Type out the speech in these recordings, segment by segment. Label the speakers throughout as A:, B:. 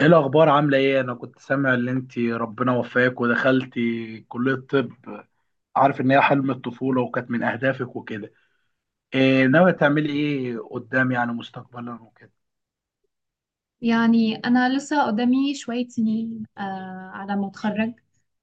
A: ايه الاخبار؟ عامله ايه؟ انا كنت سامع ان انت ربنا وفاك ودخلتي كليه طب، عارف ان هي حلم الطفوله وكانت من اهدافك وكده. إيه ناويه تعملي ايه قدام، يعني مستقبلا وكده؟
B: يعني أنا لسه قدامي شوية سنين على ما أتخرج.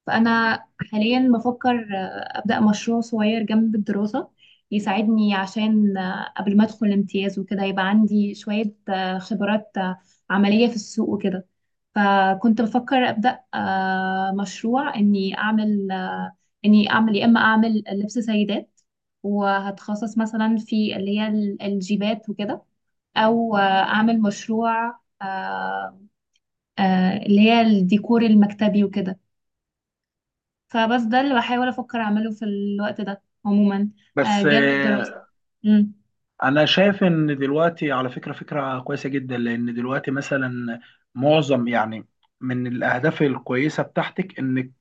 B: فأنا حاليا بفكر أبدأ مشروع صغير جنب الدراسة يساعدني، عشان قبل ما أدخل امتياز وكده يبقى عندي شوية خبرات عملية في السوق وكده. فكنت بفكر أبدأ مشروع، إني أعمل يا إما أعمل لبس سيدات، وهتخصص مثلا في اللي هي الجيبات وكده، او اعمل مشروع آه، اللي هي الديكور المكتبي وكده. فبس ده اللي بحاول افكر اعمله في الوقت ده عموما،
A: بس
B: جانب
A: إيه؟
B: الدراسة. مم.
A: انا شايف ان دلوقتي، على فكره، فكره كويسه جدا. لان دلوقتي مثلا معظم، يعني، من الاهداف الكويسه بتاعتك انك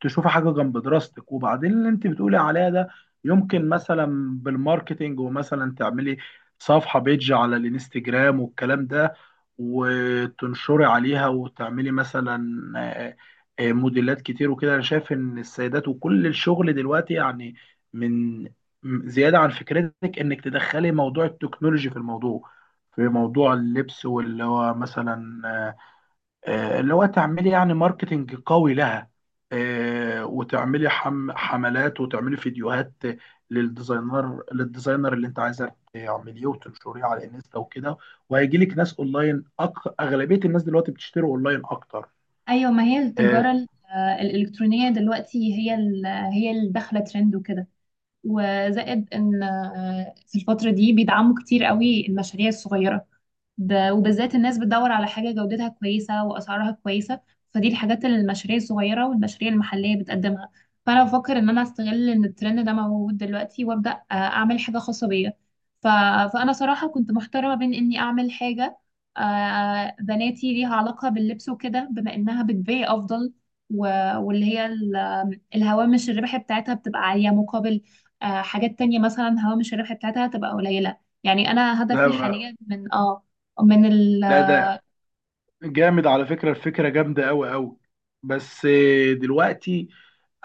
A: تشوفي حاجه جنب دراستك، وبعدين اللي انت بتقولي عليها ده يمكن مثلا بالماركتينج، ومثلا تعملي صفحه بيج على الانستجرام والكلام ده، وتنشري عليها وتعملي مثلا آه، موديلات كتير وكده. انا شايف ان السيدات وكل الشغل دلوقتي، يعني، من زيادة عن فكرتك انك تدخلي موضوع التكنولوجي في موضوع اللبس، واللي هو مثلا آه، آه، اللي هو تعملي، يعني، ماركتينج قوي لها. وتعملي حملات وتعملي فيديوهات للديزاينر اللي انت عايزه تعمليه وتنشريه على انستا وكده. وهيجي لك ناس اونلاين. اغلبيه الناس دلوقتي بتشتري اونلاين اكتر.
B: ايوه، ما هي
A: آه،
B: التجارة الالكترونية دلوقتي هي اللي داخلة ترند وكده. وزائد ان في الفترة دي بيدعموا كتير قوي المشاريع الصغيرة، وبالذات الناس بتدور على حاجة جودتها كويسة وأسعارها كويسة، فدي الحاجات اللي المشاريع الصغيرة والمشاريع المحلية بتقدمها. فأنا بفكر إن أنا أستغل إن الترند ده موجود دلوقتي، وأبدأ أعمل حاجة خاصة بيا. ف... فأنا صراحة كنت محتارة ما بين إني أعمل حاجة بناتي ليها علاقة باللبس وكده، بما إنها بتبيع أفضل، و... واللي هي الهوامش الربح بتاعتها بتبقى عالية، مقابل حاجات تانية، مثلا هوامش الربح بتاعتها تبقى قليلة. يعني أنا
A: لا
B: هدفي
A: ب-
B: حاليا من اه من ال
A: لا، ده جامد على فكره، الفكره جامده قوي قوي. بس دلوقتي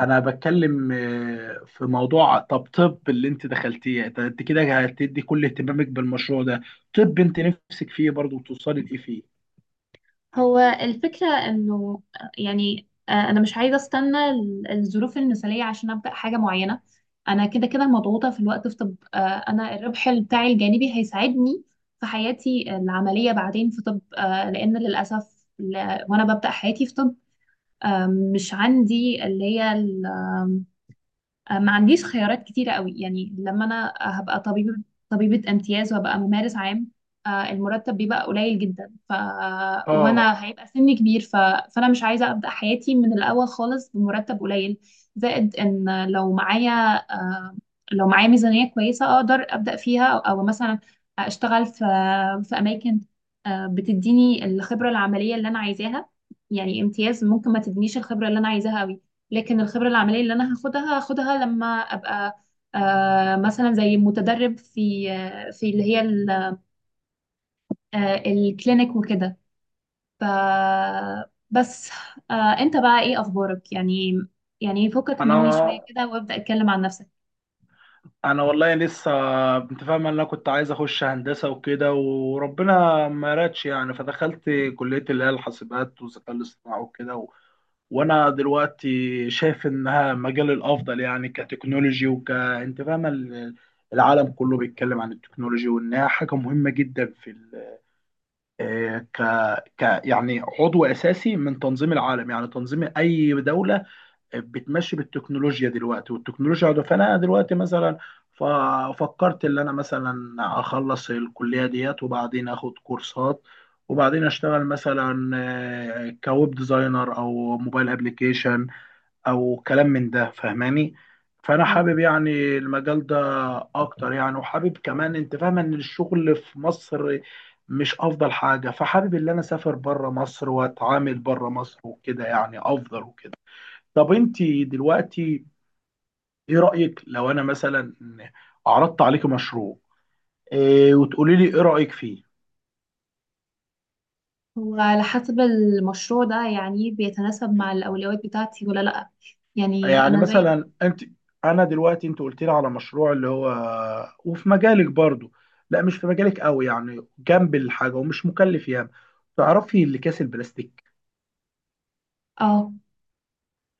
A: انا بتكلم، في موضوع طب اللي انت دخلتيه ده. انت كده هتدي كل اهتمامك بالمشروع ده؟ طب انت نفسك فيه برضه توصلي لايه فيه؟
B: هو الفكرة، إنه يعني، أنا مش عايزة أستنى الظروف المثالية عشان أبدأ حاجة معينة. أنا كده كده مضغوطة في الوقت في طب، أنا الربح بتاعي الجانبي هيساعدني في حياتي العملية بعدين في طب، لأن للأسف، وأنا ببدأ حياتي في طب، آه، مش عندي اللي هي آه، ما عنديش خيارات كتيرة قوي. يعني لما أنا هبقى طبيبة، طبيبة امتياز، وهبقى ممارس عام، المرتب بيبقى قليل جدا.
A: اه.
B: وانا هيبقى سني كبير. فانا مش عايزه ابدا حياتي من الاول خالص بمرتب قليل. زائد ان آه، لو معايا ميزانيه كويسه اقدر ابدا فيها، او مثلا اشتغل في اماكن بتديني الخبره العمليه اللي انا عايزاها. يعني امتياز ممكن ما تدينيش الخبره اللي انا عايزاها قوي، لكن الخبرة العملية اللي أنا هاخدها هاخدها لما أبقى مثلا زي متدرب في اللي هي الكلينيك وكده. ف بس، آه، أنت بقى إيه أخبارك يعني فكك مني
A: انا
B: شوية كده وابدأ اتكلم عن نفسك.
A: انا والله لسه. انت فاهم، انا كنت عايز اخش هندسه وكده وربنا ما رادش، يعني، فدخلت كليه اللي هي الحاسبات والذكاء الاصطناعي وكده. وانا دلوقتي شايف انها مجال الافضل، يعني، كتكنولوجي، وك انت فاهمه، العالم كله بيتكلم عن التكنولوجي وانها حاجه مهمه جدا في ال... آه، ك... ك، يعني، عضو اساسي من تنظيم العالم، يعني تنظيم اي دوله بتمشي بالتكنولوجيا دلوقتي، والتكنولوجيا عضو. فانا دلوقتي مثلا ففكرت ان انا مثلا اخلص الكليه ديت، وبعدين اخد كورسات، وبعدين اشتغل مثلا كويب ديزاينر او موبايل ابلكيشن او كلام من ده، فاهماني؟ فانا حابب،
B: اه.
A: يعني، المجال ده اكتر يعني. وحابب كمان، انت فاهمه ان الشغل في مصر مش افضل حاجه، فحابب ان انا اسافر بره مصر واتعامل بره مصر وكده، يعني افضل وكده. طب انت دلوقتي، ايه رايك لو انا مثلا عرضت عليك مشروع إيه، وتقولي لي ايه رايك فيه؟
B: هو على حسب المشروع ده يعني بيتناسب مع الأولويات بتاعتي ولا لأ. يعني
A: يعني
B: أنا زي
A: مثلا انت انا دلوقتي انت قلت لي على مشروع اللي هو، وفي مجالك برضو، لا مش في مجالك قوي، يعني جنب الحاجه ومش مكلف ياما. تعرفي الاكياس البلاستيك؟
B: اه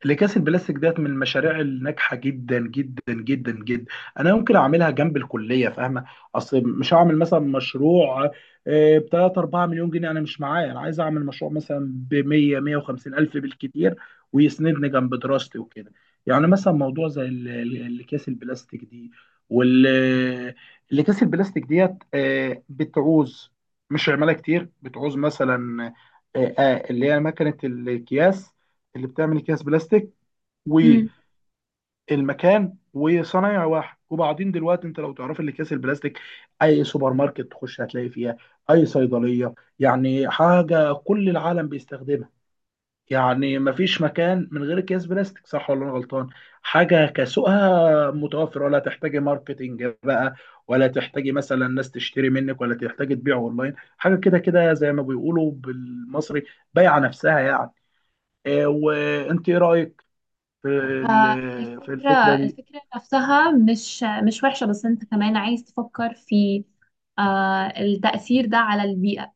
A: الاكياس البلاستيك ديت من المشاريع الناجحه جدا جدا جدا جدا. انا ممكن اعملها جنب الكليه، فاهمه؟ اصل مش هعمل مثلا مشروع ب 3 4 مليون جنيه، انا مش معايا، انا عايز اعمل مشروع مثلا ب 100 150 الف بالكتير، ويسندني جنب دراستي وكده. يعني مثلا موضوع زي الاكياس البلاستيك دي. وال الاكياس البلاستيك ديت بتعوز، مش عماله كتير، بتعوز مثلا اللي هي مكنه الاكياس اللي بتعمل اكياس بلاستيك، والمكان وصنايع واحد. وبعدين دلوقتي انت لو تعرف الاكياس البلاستيك، اي سوبر ماركت تخش هتلاقي فيها، اي صيدليه، يعني حاجه كل العالم بيستخدمها. يعني مفيش مكان من غير اكياس بلاستيك، صح ولا انا غلطان؟ حاجه كسوقها متوفر، ولا تحتاجي ماركتينج بقى، ولا تحتاجي مثلا ناس تشتري منك، ولا تحتاجي تبيع اونلاين، حاجه كده كده زي ما بيقولوا بالمصري بايعه نفسها يعني. وانت ايه رايك
B: آه،
A: في
B: الفكرة
A: الفكره دي؟
B: الفكرة نفسها مش وحشة، بس انت كمان عايز تفكر في التأثير ده على البيئة.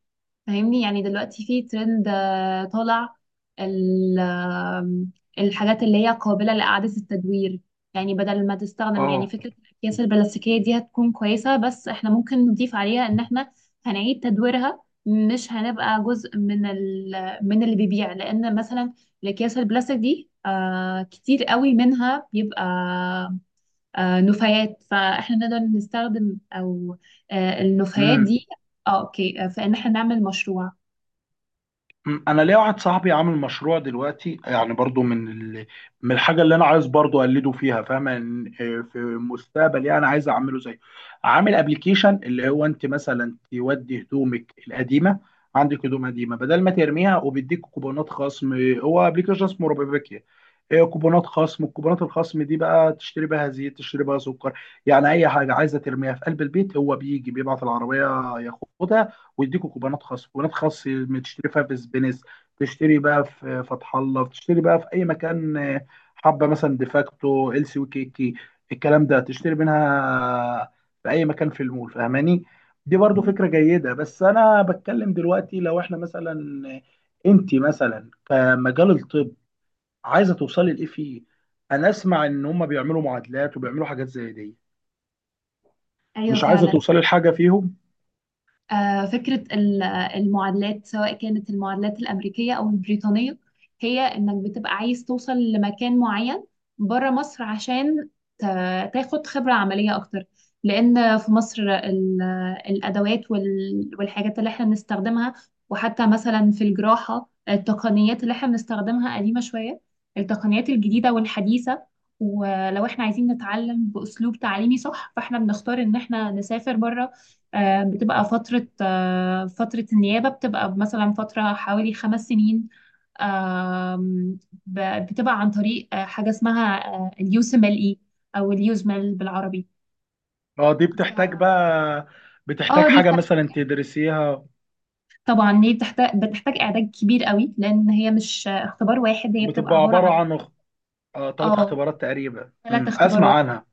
B: فاهمني، يعني دلوقتي في ترند طالع، ال- آم، الحاجات اللي هي قابلة لإعادة التدوير. يعني بدل ما تستخدم، يعني
A: اه.
B: فكرة الأكياس البلاستيكية دي هتكون كويسة، بس احنا ممكن نضيف عليها إن احنا هنعيد تدويرها، مش هنبقى جزء من ال من اللي بيبيع. لأن مثلا الأكياس البلاستيك دي كتير قوي منها بيبقى نفايات، فاحنا نقدر نستخدم، أو النفايات
A: امم
B: دي. اه، اوكي. فإن احنا نعمل مشروع.
A: أمم. انا ليا واحد صاحبي عامل مشروع دلوقتي، يعني برضو، من الحاجه اللي انا عايز برضو اقلده فيها. فاهم، في المستقبل، يعني، انا عايز اعمله زيه. عامل ابلكيشن اللي هو انت مثلا تودي هدومك القديمه، عندك هدوم قديمه بدل ما ترميها، وبيديك كوبونات خصم. هو ابلكيشن اسمه روبابيكيا. آه، كوبونات خصم الكوبونات الخصم دي بقى تشتري بها زيت، تشتري بها سكر. يعني اي حاجه عايزه ترميها في قلب البيت، هو بيجي بيبعت العربيه ياخدها ويديكوا كوبونات خاص. تشتري فيها في سبينس، تشتري بقى في فتح الله، تشتري بقى في اي مكان. حبه مثلا ديفاكتو، ال سي، وكيكي، الكلام ده، تشتري منها في اي مكان في المول، فاهماني؟ دي برضو
B: دي
A: فكره جيده.
B: فكرة.
A: بس انا بتكلم دلوقتي، لو احنا مثلا، انت مثلا كمجال الطب، عايزه توصلي لايه فيه؟ انا اسمع ان هم بيعملوا معادلات وبيعملوا حاجات زي دي،
B: ايوه،
A: مش عايزه
B: فعلا.
A: توصلي لحاجه فيهم؟
B: فكرة المعادلات، سواء كانت المعادلات الأمريكية أو البريطانية، هي إنك بتبقى عايز توصل لمكان معين بره مصر، عشان تاخد خبرة عملية أكتر. لأن في مصر الأدوات والحاجات اللي إحنا بنستخدمها، وحتى مثلا في الجراحة التقنيات اللي إحنا بنستخدمها قديمة شوية. التقنيات الجديدة والحديثة، ولو إحنا عايزين نتعلم بأسلوب تعليمي صح، فإحنا بنختار إن إحنا نسافر بره. بتبقى فترة النيابة بتبقى مثلا فترة حوالي 5 سنين. آم، بتبقى عن طريق حاجة اسمها اليوسملئي أو اليوزمل بالعربي.
A: اه، دي
B: ف...
A: بتحتاج
B: اه، دي
A: حاجة
B: بتحتاج.
A: مثلا تدرسيها.
B: طبعا دي بتحتاج إعداد كبير قوي، لأن هي مش اختبار واحد، هي بتبقى
A: بتبقى
B: عبارة
A: عبارة
B: عن...
A: عن تلات
B: اه،
A: اختبارات تقريبا.
B: ثلاث
A: مم. أسمع
B: اختبارات
A: عنها.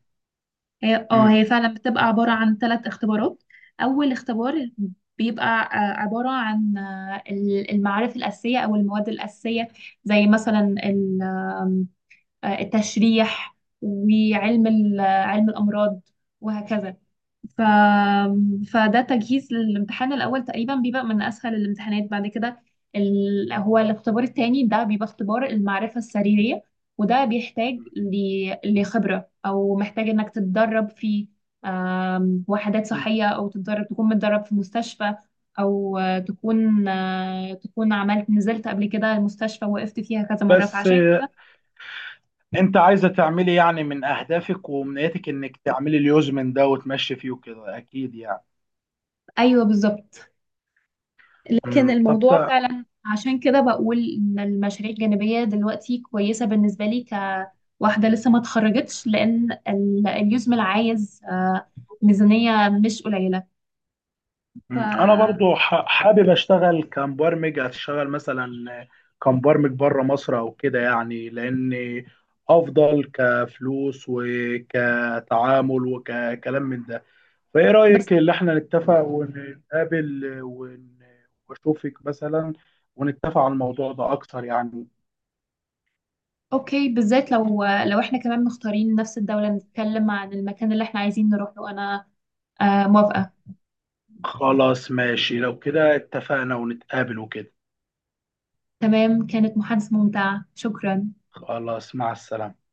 B: هي اه
A: مم.
B: هي فعلا بتبقى عبارة عن 3 اختبارات. أول اختبار بيبقى عبارة عن المعارف الأساسية أو المواد الأساسية، زي مثلا ال- آم، آه، التشريح، وعلم ال- آه، علم الأمراض، وهكذا. ف... فده تجهيز للامتحان الأول، تقريبا بيبقى من أسهل الامتحانات. بعد كده، هو الاختبار التاني ده بيبقى اختبار المعرفة السريرية، وده بيحتاج لخبرة، أو محتاج إنك تتدرب في وحدات
A: مم.
B: صحية، أو تتدرب تكون متدرب في مستشفى، أو تكون عملت نزلت قبل كده المستشفى وقفت فيها كذا مرة،
A: بس
B: فعشان كده.
A: أنت عايزة تعملي، يعني، من أهدافك وأمنياتك إنك تعملي اليوز من ده وتمشي فيه وكده أكيد يعني.
B: أيوه، بالظبط. لكن
A: مم. طب،
B: الموضوع فعلا عشان كده بقول ان المشاريع الجانبية دلوقتي كويسة بالنسبة لي، كواحدة لسه ما اتخرجتش، لان اليوزمل عايز ميزانية مش قليلة.
A: مم. أنا
B: ف
A: برضو حابب أشتغل كمبرمج، أشتغل مثلا كمبرمج بره مصر أو كده، يعني، لأن أفضل كفلوس وكتعامل وككلام من ده. فايه
B: بس،
A: رأيك اللي احنا نتفق ونقابل واشوفك مثلا، ونتفق على الموضوع ده اكتر يعني؟
B: اوكي، بالذات لو احنا كمان مختارين نفس الدولة، نتكلم عن المكان اللي احنا عايزين نروح له. انا موافقة.
A: خلاص، ماشي، لو كده اتفقنا ونتقابل وكده.
B: تمام، كانت محادثة ممتعة، شكرا.
A: خلاص، مع السلامة.